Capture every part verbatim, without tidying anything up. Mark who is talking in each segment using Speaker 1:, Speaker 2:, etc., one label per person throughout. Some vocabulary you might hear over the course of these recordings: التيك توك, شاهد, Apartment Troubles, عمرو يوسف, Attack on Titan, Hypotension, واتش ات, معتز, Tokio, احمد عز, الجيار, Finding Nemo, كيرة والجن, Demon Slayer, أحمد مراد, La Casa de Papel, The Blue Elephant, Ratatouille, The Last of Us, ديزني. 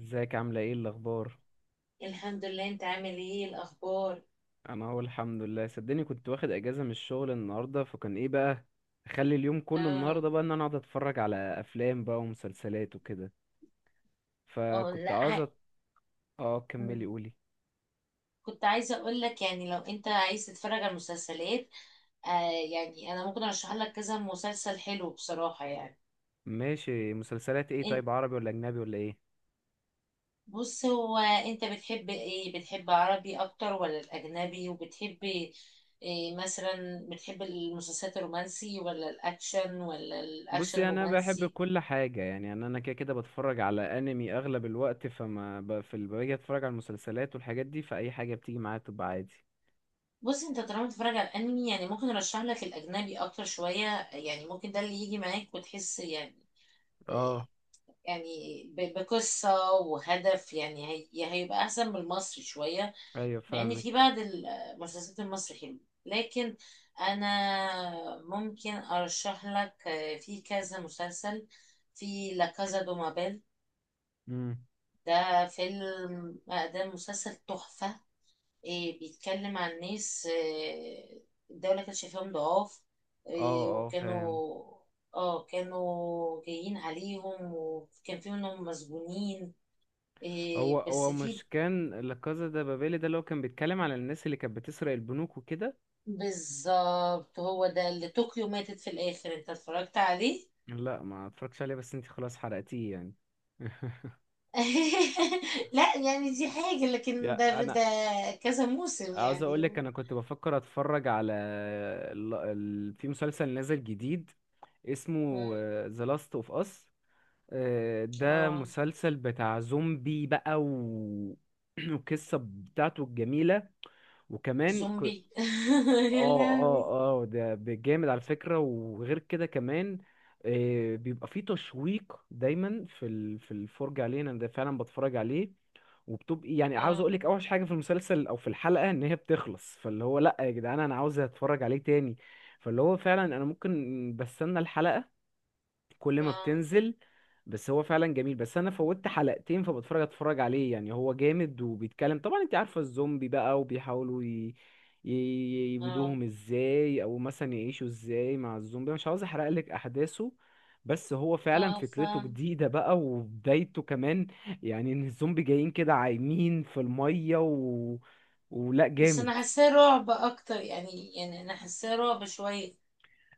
Speaker 1: ازيك عاملة ايه الأخبار؟
Speaker 2: الحمد لله. انت عامل ايه الاخبار؟
Speaker 1: أنا أهو الحمد لله، صدقني كنت واخد أجازة من الشغل النهاردة، فكان ايه بقى، أخلي اليوم كله
Speaker 2: اه.
Speaker 1: النهاردة بقى إن أنا أقعد أتفرج على أفلام بقى ومسلسلات وكده.
Speaker 2: اه
Speaker 1: فكنت
Speaker 2: لا ع-
Speaker 1: عاوزة. اه، كملي قولي.
Speaker 2: كنت عايزه اقول لك يعني لو انت عايز تتفرج على المسلسلات. آه يعني انا ممكن ارشح لك كذا مسلسل حلو بصراحه يعني.
Speaker 1: ماشي، مسلسلات ايه؟
Speaker 2: انت
Speaker 1: طيب عربي ولا أجنبي ولا ايه؟
Speaker 2: بص، هو انت بتحب ايه، بتحب عربي اكتر ولا الاجنبي، وبتحب إيه مثلا بتحب المسلسلات الرومانسي ولا الاكشن ولا الاكشن
Speaker 1: بصي أنا بحب
Speaker 2: الرومانسي؟
Speaker 1: كل حاجة، يعني أنا أنا كده كده بتفرج على أنمي أغلب الوقت، فما ب... في ال- باجي أتفرج على المسلسلات والحاجات دي، فأي حاجة بتيجي معايا تبقى عادي.
Speaker 2: بص، انت طالما بتتفرج على الانمي يعني ممكن ارشح لك الاجنبي اكتر شويه، يعني ممكن ده اللي يجي معاك وتحس يعني
Speaker 1: اه،
Speaker 2: يعني ب- بقصه وهدف. يعني هي يعني هيبقى احسن من المصري شويه،
Speaker 1: أيوه،
Speaker 2: مع ان
Speaker 1: فاهمك.
Speaker 2: في بعض المسلسلات المصري حلوه. لكن انا ممكن ارشح لك في كذا مسلسل. في لا كازا دو مابيل.
Speaker 1: مم.
Speaker 2: ده فيلم آه، ده مسلسل تحفه. إيه بيتكلم عن ناس، إيه الدولة كانت شايفاهم ضعاف.
Speaker 1: اه،
Speaker 2: إيه
Speaker 1: اه، فاهم.
Speaker 2: وكانوا اه كانوا جايين عليهم وكان في منهم مسجونين.
Speaker 1: هو
Speaker 2: إيه بس
Speaker 1: هو
Speaker 2: في،
Speaker 1: مش كان لا كازا ده بابيلي ده اللي هو كان بيتكلم على الناس اللي كانت بتسرق البنوك وكده؟
Speaker 2: بالظبط هو ده اللي طوكيو ماتت في الآخر. انت اتفرجت عليه؟
Speaker 1: لا، ما اتفرجتش عليه، بس انت خلاص حرقتيه يعني.
Speaker 2: لا، يعني دي حاجة، لكن
Speaker 1: يا
Speaker 2: ده
Speaker 1: انا
Speaker 2: ده كذا موسم
Speaker 1: عاوز اقول لك،
Speaker 2: يعني.
Speaker 1: انا كنت بفكر اتفرج على ال... ال... في مسلسل نازل جديد اسمه
Speaker 2: مم.
Speaker 1: ذا لاست اوف اس، ده
Speaker 2: اه.
Speaker 1: مسلسل بتاع زومبي بقى و... والقصة بتاعته الجميلة وكمان
Speaker 2: زومبي.
Speaker 1: ك-
Speaker 2: يا
Speaker 1: اه،
Speaker 2: لهوي.
Speaker 1: اه، اه، ده جامد على فكرة، وغير كده كمان، آه، بيبقى فيه تشويق دايما في ال- في الفرجة عليه. انا ده فعلا بتفرج عليه، وبتبقي يعني، عاوز
Speaker 2: اه
Speaker 1: اقول لك، اوحش حاجه في المسلسل او في الحلقه ان هي بتخلص، فاللي هو لا يا جدعان، انا عاوز اتفرج عليه تاني. فاللي هو فعلا انا ممكن بستنى الحلقه كل ما
Speaker 2: اه
Speaker 1: بتنزل. بس هو فعلا جميل، بس انا فوتت حلقتين، فبتفرج اتفرج عليه. يعني هو جامد وبيتكلم، طبعا انت عارفة الزومبي بقى، وبيحاولوا ي... ي-
Speaker 2: اه.
Speaker 1: يبيدوهم ازاي، او مثلا يعيشوا ازاي مع الزومبي. مش عاوز احرق لك احداثه، بس هو فعلا
Speaker 2: اه،
Speaker 1: فكرته
Speaker 2: فاهم.
Speaker 1: جديدة بقى، وبدايته كمان يعني ان الزومبي جايين كده عايمين في المية و... ولا
Speaker 2: بس
Speaker 1: جامد.
Speaker 2: انا حاساه رعب اكتر، يعني يعني انا حاساه رعب شويه.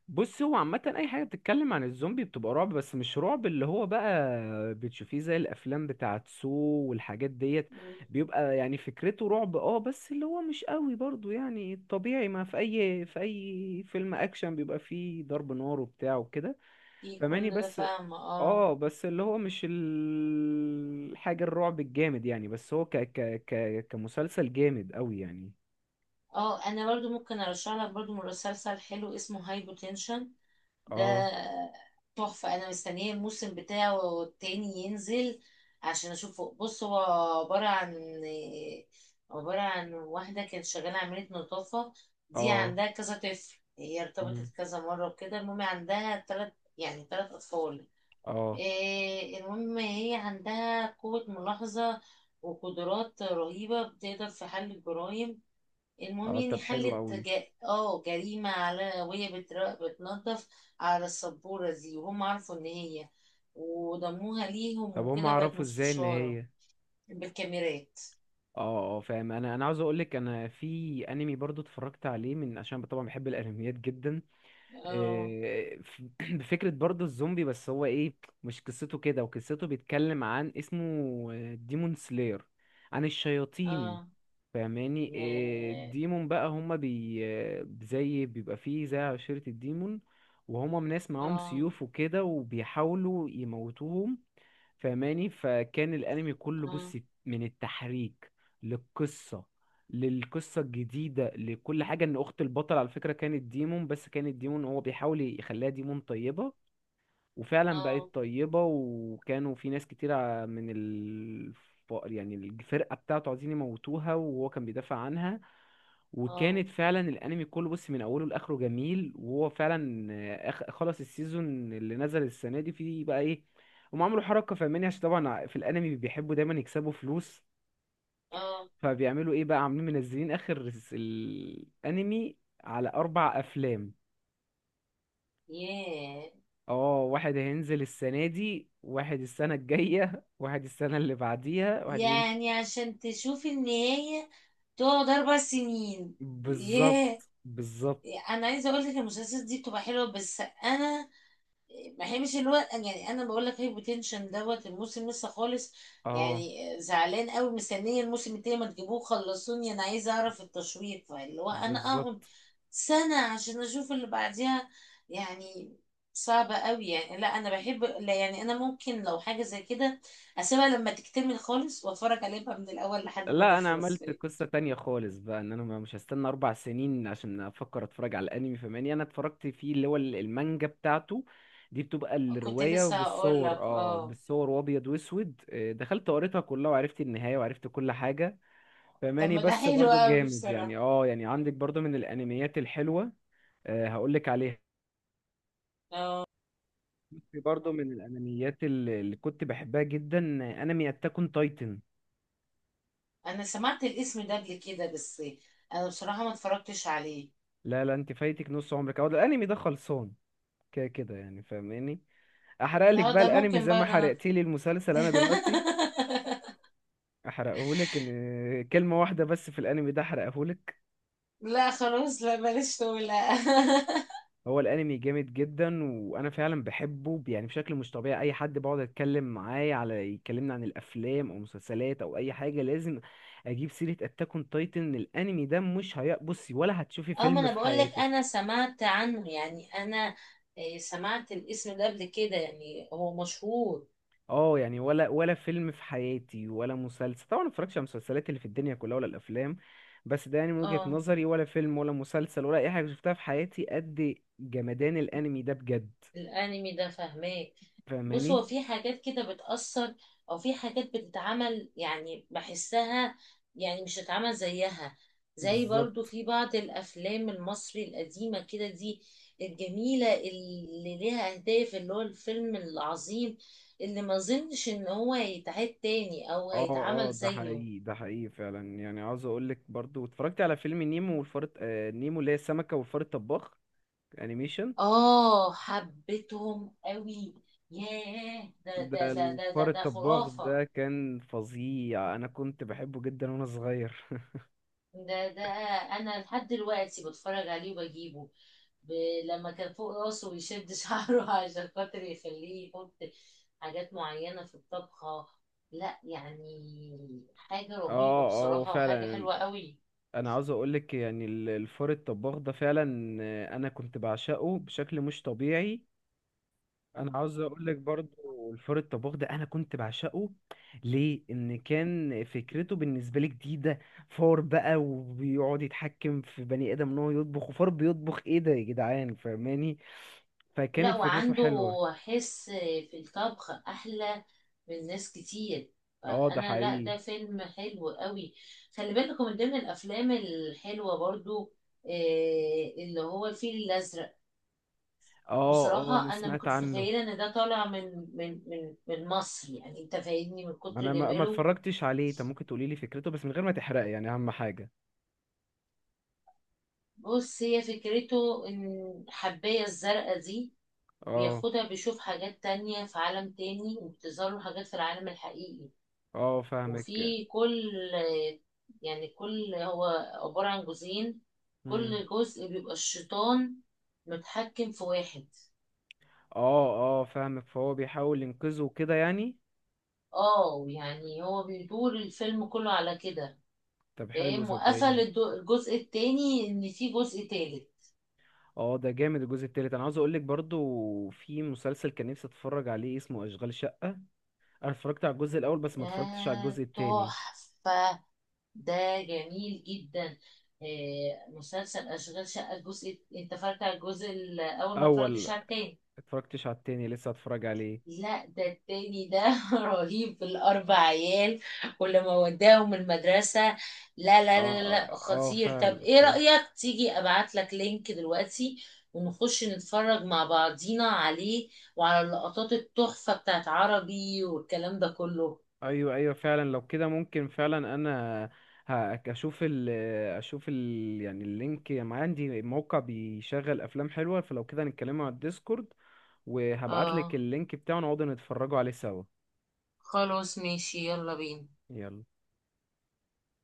Speaker 1: بص هو عامة أي حاجة بتتكلم عن الزومبي بتبقى رعب، بس مش رعب اللي هو بقى بتشوفيه زي الأفلام بتاعت سو والحاجات ديت.
Speaker 2: مم.
Speaker 1: بيبقى يعني فكرته رعب، اه، بس اللي هو مش قوي برضو، يعني الطبيعي، ما في أي في أي فيلم أكشن بيبقى فيه ضرب نار وبتاع وكده،
Speaker 2: في
Speaker 1: فماني
Speaker 2: كل ده،
Speaker 1: بس.
Speaker 2: فاهمه. اه.
Speaker 1: اه، بس اللي هو مش ال- الحاجة الرعب الجامد يعني، بس هو ك ك ك كمسلسل جامد قوي يعني.
Speaker 2: اه، انا برضو ممكن ارشح لك برضو مسلسل حلو اسمه هايبوتنشن. ده
Speaker 1: اه،
Speaker 2: تحفه، انا مستنيه الموسم بتاعه التاني ينزل عشان اشوفه. بص هو عباره عن عباره عن واحده كانت شغاله عامله نظافه، دي
Speaker 1: اه.
Speaker 2: عندها كذا طفل. هي ارتبطت
Speaker 1: مم.
Speaker 2: كذا مره وكده، المهم عندها تلات، يعني تلات اطفال.
Speaker 1: اه،
Speaker 2: آه، المهم هي عندها قوة ملاحظة وقدرات رهيبة بتقدر في حل الجرائم. المهم
Speaker 1: اه،
Speaker 2: يعني
Speaker 1: طب حلو
Speaker 2: حلت
Speaker 1: قوي.
Speaker 2: جا... اه جريمة، على وهي بتر... بتنظف على السبورة دي، وهم عرفوا ان هي، وضموها ليهم
Speaker 1: طب هم
Speaker 2: وكده بقت
Speaker 1: عرفوا ازاي ان
Speaker 2: مستشارة.
Speaker 1: هي؟
Speaker 2: بالكاميرات.
Speaker 1: اه، اه، فاهم. انا انا عاوز اقول لك، انا في انمي برضو اتفرجت عليه، من عشان طبعا بحب الانميات جدا.
Speaker 2: اه
Speaker 1: إيه، ف- بفكره برضو الزومبي، بس هو ايه، مش قصته كده. وقصته بيتكلم عن اسمه ديمون سلاير، عن الشياطين.
Speaker 2: اه.
Speaker 1: فاهماني، إيه،
Speaker 2: ياه.
Speaker 1: الديمون بقى هما بي آه، زي، بيبقى فيه زي عشيرة الديمون، وهما ناس معاهم
Speaker 2: اه
Speaker 1: سيوف وكده، وبيحاولوا يموتوهم. فاهماني، فكان الانمي كله
Speaker 2: اه
Speaker 1: بص، من التحريك للقصه للقصه الجديده لكل حاجه، ان اخت البطل على فكره كانت ديمون، بس كانت ديمون، هو بيحاول يخليها ديمون طيبه، وفعلا بقت
Speaker 2: اه.
Speaker 1: طيبه، وكانوا في ناس كتير ع- من الف... يعني الفرقه بتاعته عايزين يموتوها، وهو كان بيدافع عنها.
Speaker 2: اه
Speaker 1: وكانت فعلا الانمي كله بص من اوله لاخره جميل، وهو فعلا آه، أخ- خلص السيزون اللي نزل السنه دي، فيه بقى ايه، هم عملوا حركه، فاهماني، عشان طبعا في الانمي بيحبوا دايما يكسبوا فلوس،
Speaker 2: اه.
Speaker 1: فبيعملوا ايه بقى، عاملين منزلين اخر س- الانمي على اربع افلام.
Speaker 2: ياه.
Speaker 1: اه، واحد هينزل السنه دي، واحد السنه الجايه، واحد السنه اللي بعديها، واحد ال-
Speaker 2: يعني عشان تشوفي النهاية تقعد أربع سنين. ياه.
Speaker 1: بالظبط. بالظبط.
Speaker 2: أنا عايزة أقولك المسلسلات دي بتبقى حلوة، بس أنا، ما هي مش اللي هو يعني، انا بقول لك هايبوتنشن دوت. الموسم لسه خالص،
Speaker 1: اه،
Speaker 2: يعني زعلان قوي مستنيه الموسم التاني، ما تجيبوه خلصوني، انا عايزه اعرف التشويق، فاللي هو انا اقعد
Speaker 1: بالظبط.
Speaker 2: سنه عشان اشوف اللي بعديها. يعني صعبة قوي يعني. لا، انا بحب، لا يعني انا ممكن لو حاجة زي كده اسيبها لما تكتمل خالص واتفرج عليها بقى من الاول لحد ما
Speaker 1: لا، انا
Speaker 2: تخلص.
Speaker 1: عملت قصة تانية خالص بقى، ان انا ما- مش هستنى اربع سنين عشان افكر اتفرج على الانمي، فماني انا اتفرجت فيه، اللي هو ال- المانجا بتاعته، دي بتبقى
Speaker 2: كنت
Speaker 1: الرواية
Speaker 2: لسه هقول
Speaker 1: بالصور،
Speaker 2: لك.
Speaker 1: اه
Speaker 2: اه.
Speaker 1: بالصور وابيض واسود، آه، دخلت قريتها كلها، وعرفت النهاية، وعرفت كل حاجة.
Speaker 2: طب
Speaker 1: فماني
Speaker 2: ما ده
Speaker 1: بس،
Speaker 2: حلو
Speaker 1: برضو
Speaker 2: قوي
Speaker 1: جامد يعني،
Speaker 2: بصراحة.
Speaker 1: اه، يعني عندك برضو من الانميات الحلوة. آه، هقولك عليه،
Speaker 2: اه،
Speaker 1: في برضو من الانميات اللي اللي كنت بحبها جدا، آه، انمي اتاك اون تايتن.
Speaker 2: انا سمعت الاسم ده قبل كده بس، انا بصراحة ما اتفرجتش عليه.
Speaker 1: لا، لا، انت فايتك نص عمرك، اهو ده الانمي ده خلصان كده كده يعني، فاهماني. احرق لك
Speaker 2: لا،
Speaker 1: بقى
Speaker 2: ده
Speaker 1: الانمي
Speaker 2: ممكن
Speaker 1: زي ما
Speaker 2: بقى، ده انا.
Speaker 1: حرقتي لي المسلسل انا دلوقتي؟ احرقهولك، ان كلمه واحده بس في الانمي ده احرقهولك.
Speaker 2: لا خلاص، لا بلاش تقول، لا.
Speaker 1: هو الانمي جامد جدا، وانا فعلا بحبه يعني بشكل مش طبيعي، اي حد بقعد اتكلم معاه، على يكلمنا عن الافلام او مسلسلات او اي حاجه، لازم اجيب سيره اتاك اون تايتن، الانمي ده مش هي. بصي، ولا هتشوفي
Speaker 2: اه، ما
Speaker 1: فيلم
Speaker 2: انا
Speaker 1: في
Speaker 2: بقول لك انا
Speaker 1: حياتك،
Speaker 2: سمعت عنه يعني انا، آه، سمعت الاسم ده قبل كده يعني هو مشهور.
Speaker 1: اه، يعني ولا ولا فيلم في حياتي ولا مسلسل، طبعا ما اتفرجش على المسلسلات اللي في الدنيا كلها ولا الافلام، بس ده يعني من وجهة
Speaker 2: اه،
Speaker 1: نظري، ولا فيلم ولا مسلسل ولا اي حاجة شفتها في حياتي قد جمدان الانمي ده، بجد.
Speaker 2: الانمي ده فهماك. بص
Speaker 1: فاهماني؟
Speaker 2: هو في حاجات كده بتأثر، او في حاجات بتتعمل يعني بحسها، يعني مش هتتعمل زيها، زي برضو
Speaker 1: بالظبط.
Speaker 2: في بعض الافلام المصري القديمة كده دي، الجميلة اللي ليها اهداف، اللي هو الفيلم العظيم اللي ما اظنش ان هو هيتعاد تاني او
Speaker 1: اه،
Speaker 2: هيتعمل
Speaker 1: اه، ده
Speaker 2: زيه.
Speaker 1: حقيقي، ده حقيقي فعلا. يعني عاوز اقول لك، برضو اتفرجت على فيلم نيمو والفار الت- آه، نيمو اللي هي السمكة، والفار الطباخ، انيميشن.
Speaker 2: اه، حبيتهم قوي. ياه، ده ده
Speaker 1: ده
Speaker 2: ده ده ده،
Speaker 1: الفار
Speaker 2: ده
Speaker 1: الطباخ
Speaker 2: خرافة.
Speaker 1: ده كان فظيع، انا كنت بحبه جدا وانا صغير.
Speaker 2: ده ده انا لحد دلوقتي بتفرج عليه وبجيبه. ب... لما كان فوق راسه ويشد شعره عشان خاطر يخليه يحط حاجات معينة في الطبخة. لا، يعني حاجة رهيبة
Speaker 1: اه، اه، هو
Speaker 2: بصراحة، وحاجة
Speaker 1: فعلا.
Speaker 2: حلوة قوي.
Speaker 1: انا عاوز اقولك يعني ال- الفار الطباخ ده فعلا، آه، انا كنت بعشقه بشكل مش طبيعي. انا عاوز اقولك برضو، الفار الطباخ ده انا كنت بعشقه ليه، ان كان فكرته بالنسبه لي جديده. فار بقى وبيقعد يتحكم في بني ادم ان هو يطبخ، وفار بيطبخ؟ ايه ده يا جدعان، فاهماني،
Speaker 2: لا،
Speaker 1: فكانت فكرته
Speaker 2: وعنده
Speaker 1: حلوه.
Speaker 2: حس في الطبخ أحلى من ناس كتير،
Speaker 1: اه، ده
Speaker 2: فأنا، لا
Speaker 1: حقيقي.
Speaker 2: ده فيلم حلو قوي. خلي بالكم من ضمن الأفلام الحلوة برضو آه، اللي هو الفيل الأزرق.
Speaker 1: اه، اه، انا
Speaker 2: بصراحة أنا ما
Speaker 1: سمعت
Speaker 2: كنتش
Speaker 1: عنه،
Speaker 2: متخيلة إن ده طالع من من من من مصر، يعني أنت فاهمني من كتر
Speaker 1: انا ما ما
Speaker 2: جماله.
Speaker 1: اتفرجتش عليه. طب ممكن تقولي لي فكرته بس من غير ما تحرق، يعني اهم حاجه.
Speaker 2: بص هي فكرته، إن الحباية الزرقاء دي
Speaker 1: اه،
Speaker 2: بياخدها بيشوف حاجات تانية في عالم تاني، وبتظهر له حاجات في العالم الحقيقي.
Speaker 1: اه، فاهمك.
Speaker 2: وفي كل يعني كل هو عبارة عن جزئين،
Speaker 1: امم
Speaker 2: كل جزء بيبقى الشيطان متحكم في واحد.
Speaker 1: اه، اه، فاهمك، فهو بيحاول ينقذه كده يعني.
Speaker 2: اه، يعني هو بيدور الفيلم كله على كده.
Speaker 1: طب حلو،
Speaker 2: فاهم، وقفل
Speaker 1: صدقني.
Speaker 2: الدو- الجزء التاني ان في جزء تالت.
Speaker 1: اه، ده جامد. الجزء التالت، انا عاوز اقولك، برضو في مسلسل كان نفسي اتفرج عليه اسمه اشغال شقة، انا اتفرجت على الجزء الاول، بس ما اتفرجتش على
Speaker 2: ده
Speaker 1: الجزء التاني.
Speaker 2: تحفة، ده جميل جدا. آه، مسلسل أشغال شقة، الجزء انت اتفرجت على الجزء الأول ما اتفرجتش
Speaker 1: اول
Speaker 2: على التاني.
Speaker 1: اتفرجتش على التاني، لسه هتفرج عليه.
Speaker 2: لا، ده التاني ده رهيب، بالأربع عيال، ولما وداهم المدرسة. لا لا
Speaker 1: اه،
Speaker 2: لا لا،
Speaker 1: اه, آه
Speaker 2: خطير.
Speaker 1: فعلا.
Speaker 2: طب ايه رأيك تيجي ابعت لك لينك دلوقتي، ونخش نتفرج مع بعضينا عليه، وعلى اللقطات التحفة بتاعت عربي والكلام ده كله؟
Speaker 1: ايوه، ايوه، فعلا، لو كده ممكن فعلا، انا ه- اشوف ال اشوف ال يعني اللينك، ما عندي موقع بيشغل افلام حلوه، فلو كده نتكلموا على الديسكورد، وهبعتلك
Speaker 2: اه
Speaker 1: اللينك بتاعه، نقعد نتفرجوا عليه سوا.
Speaker 2: خلاص ماشي، يلا بينا.
Speaker 1: يلا.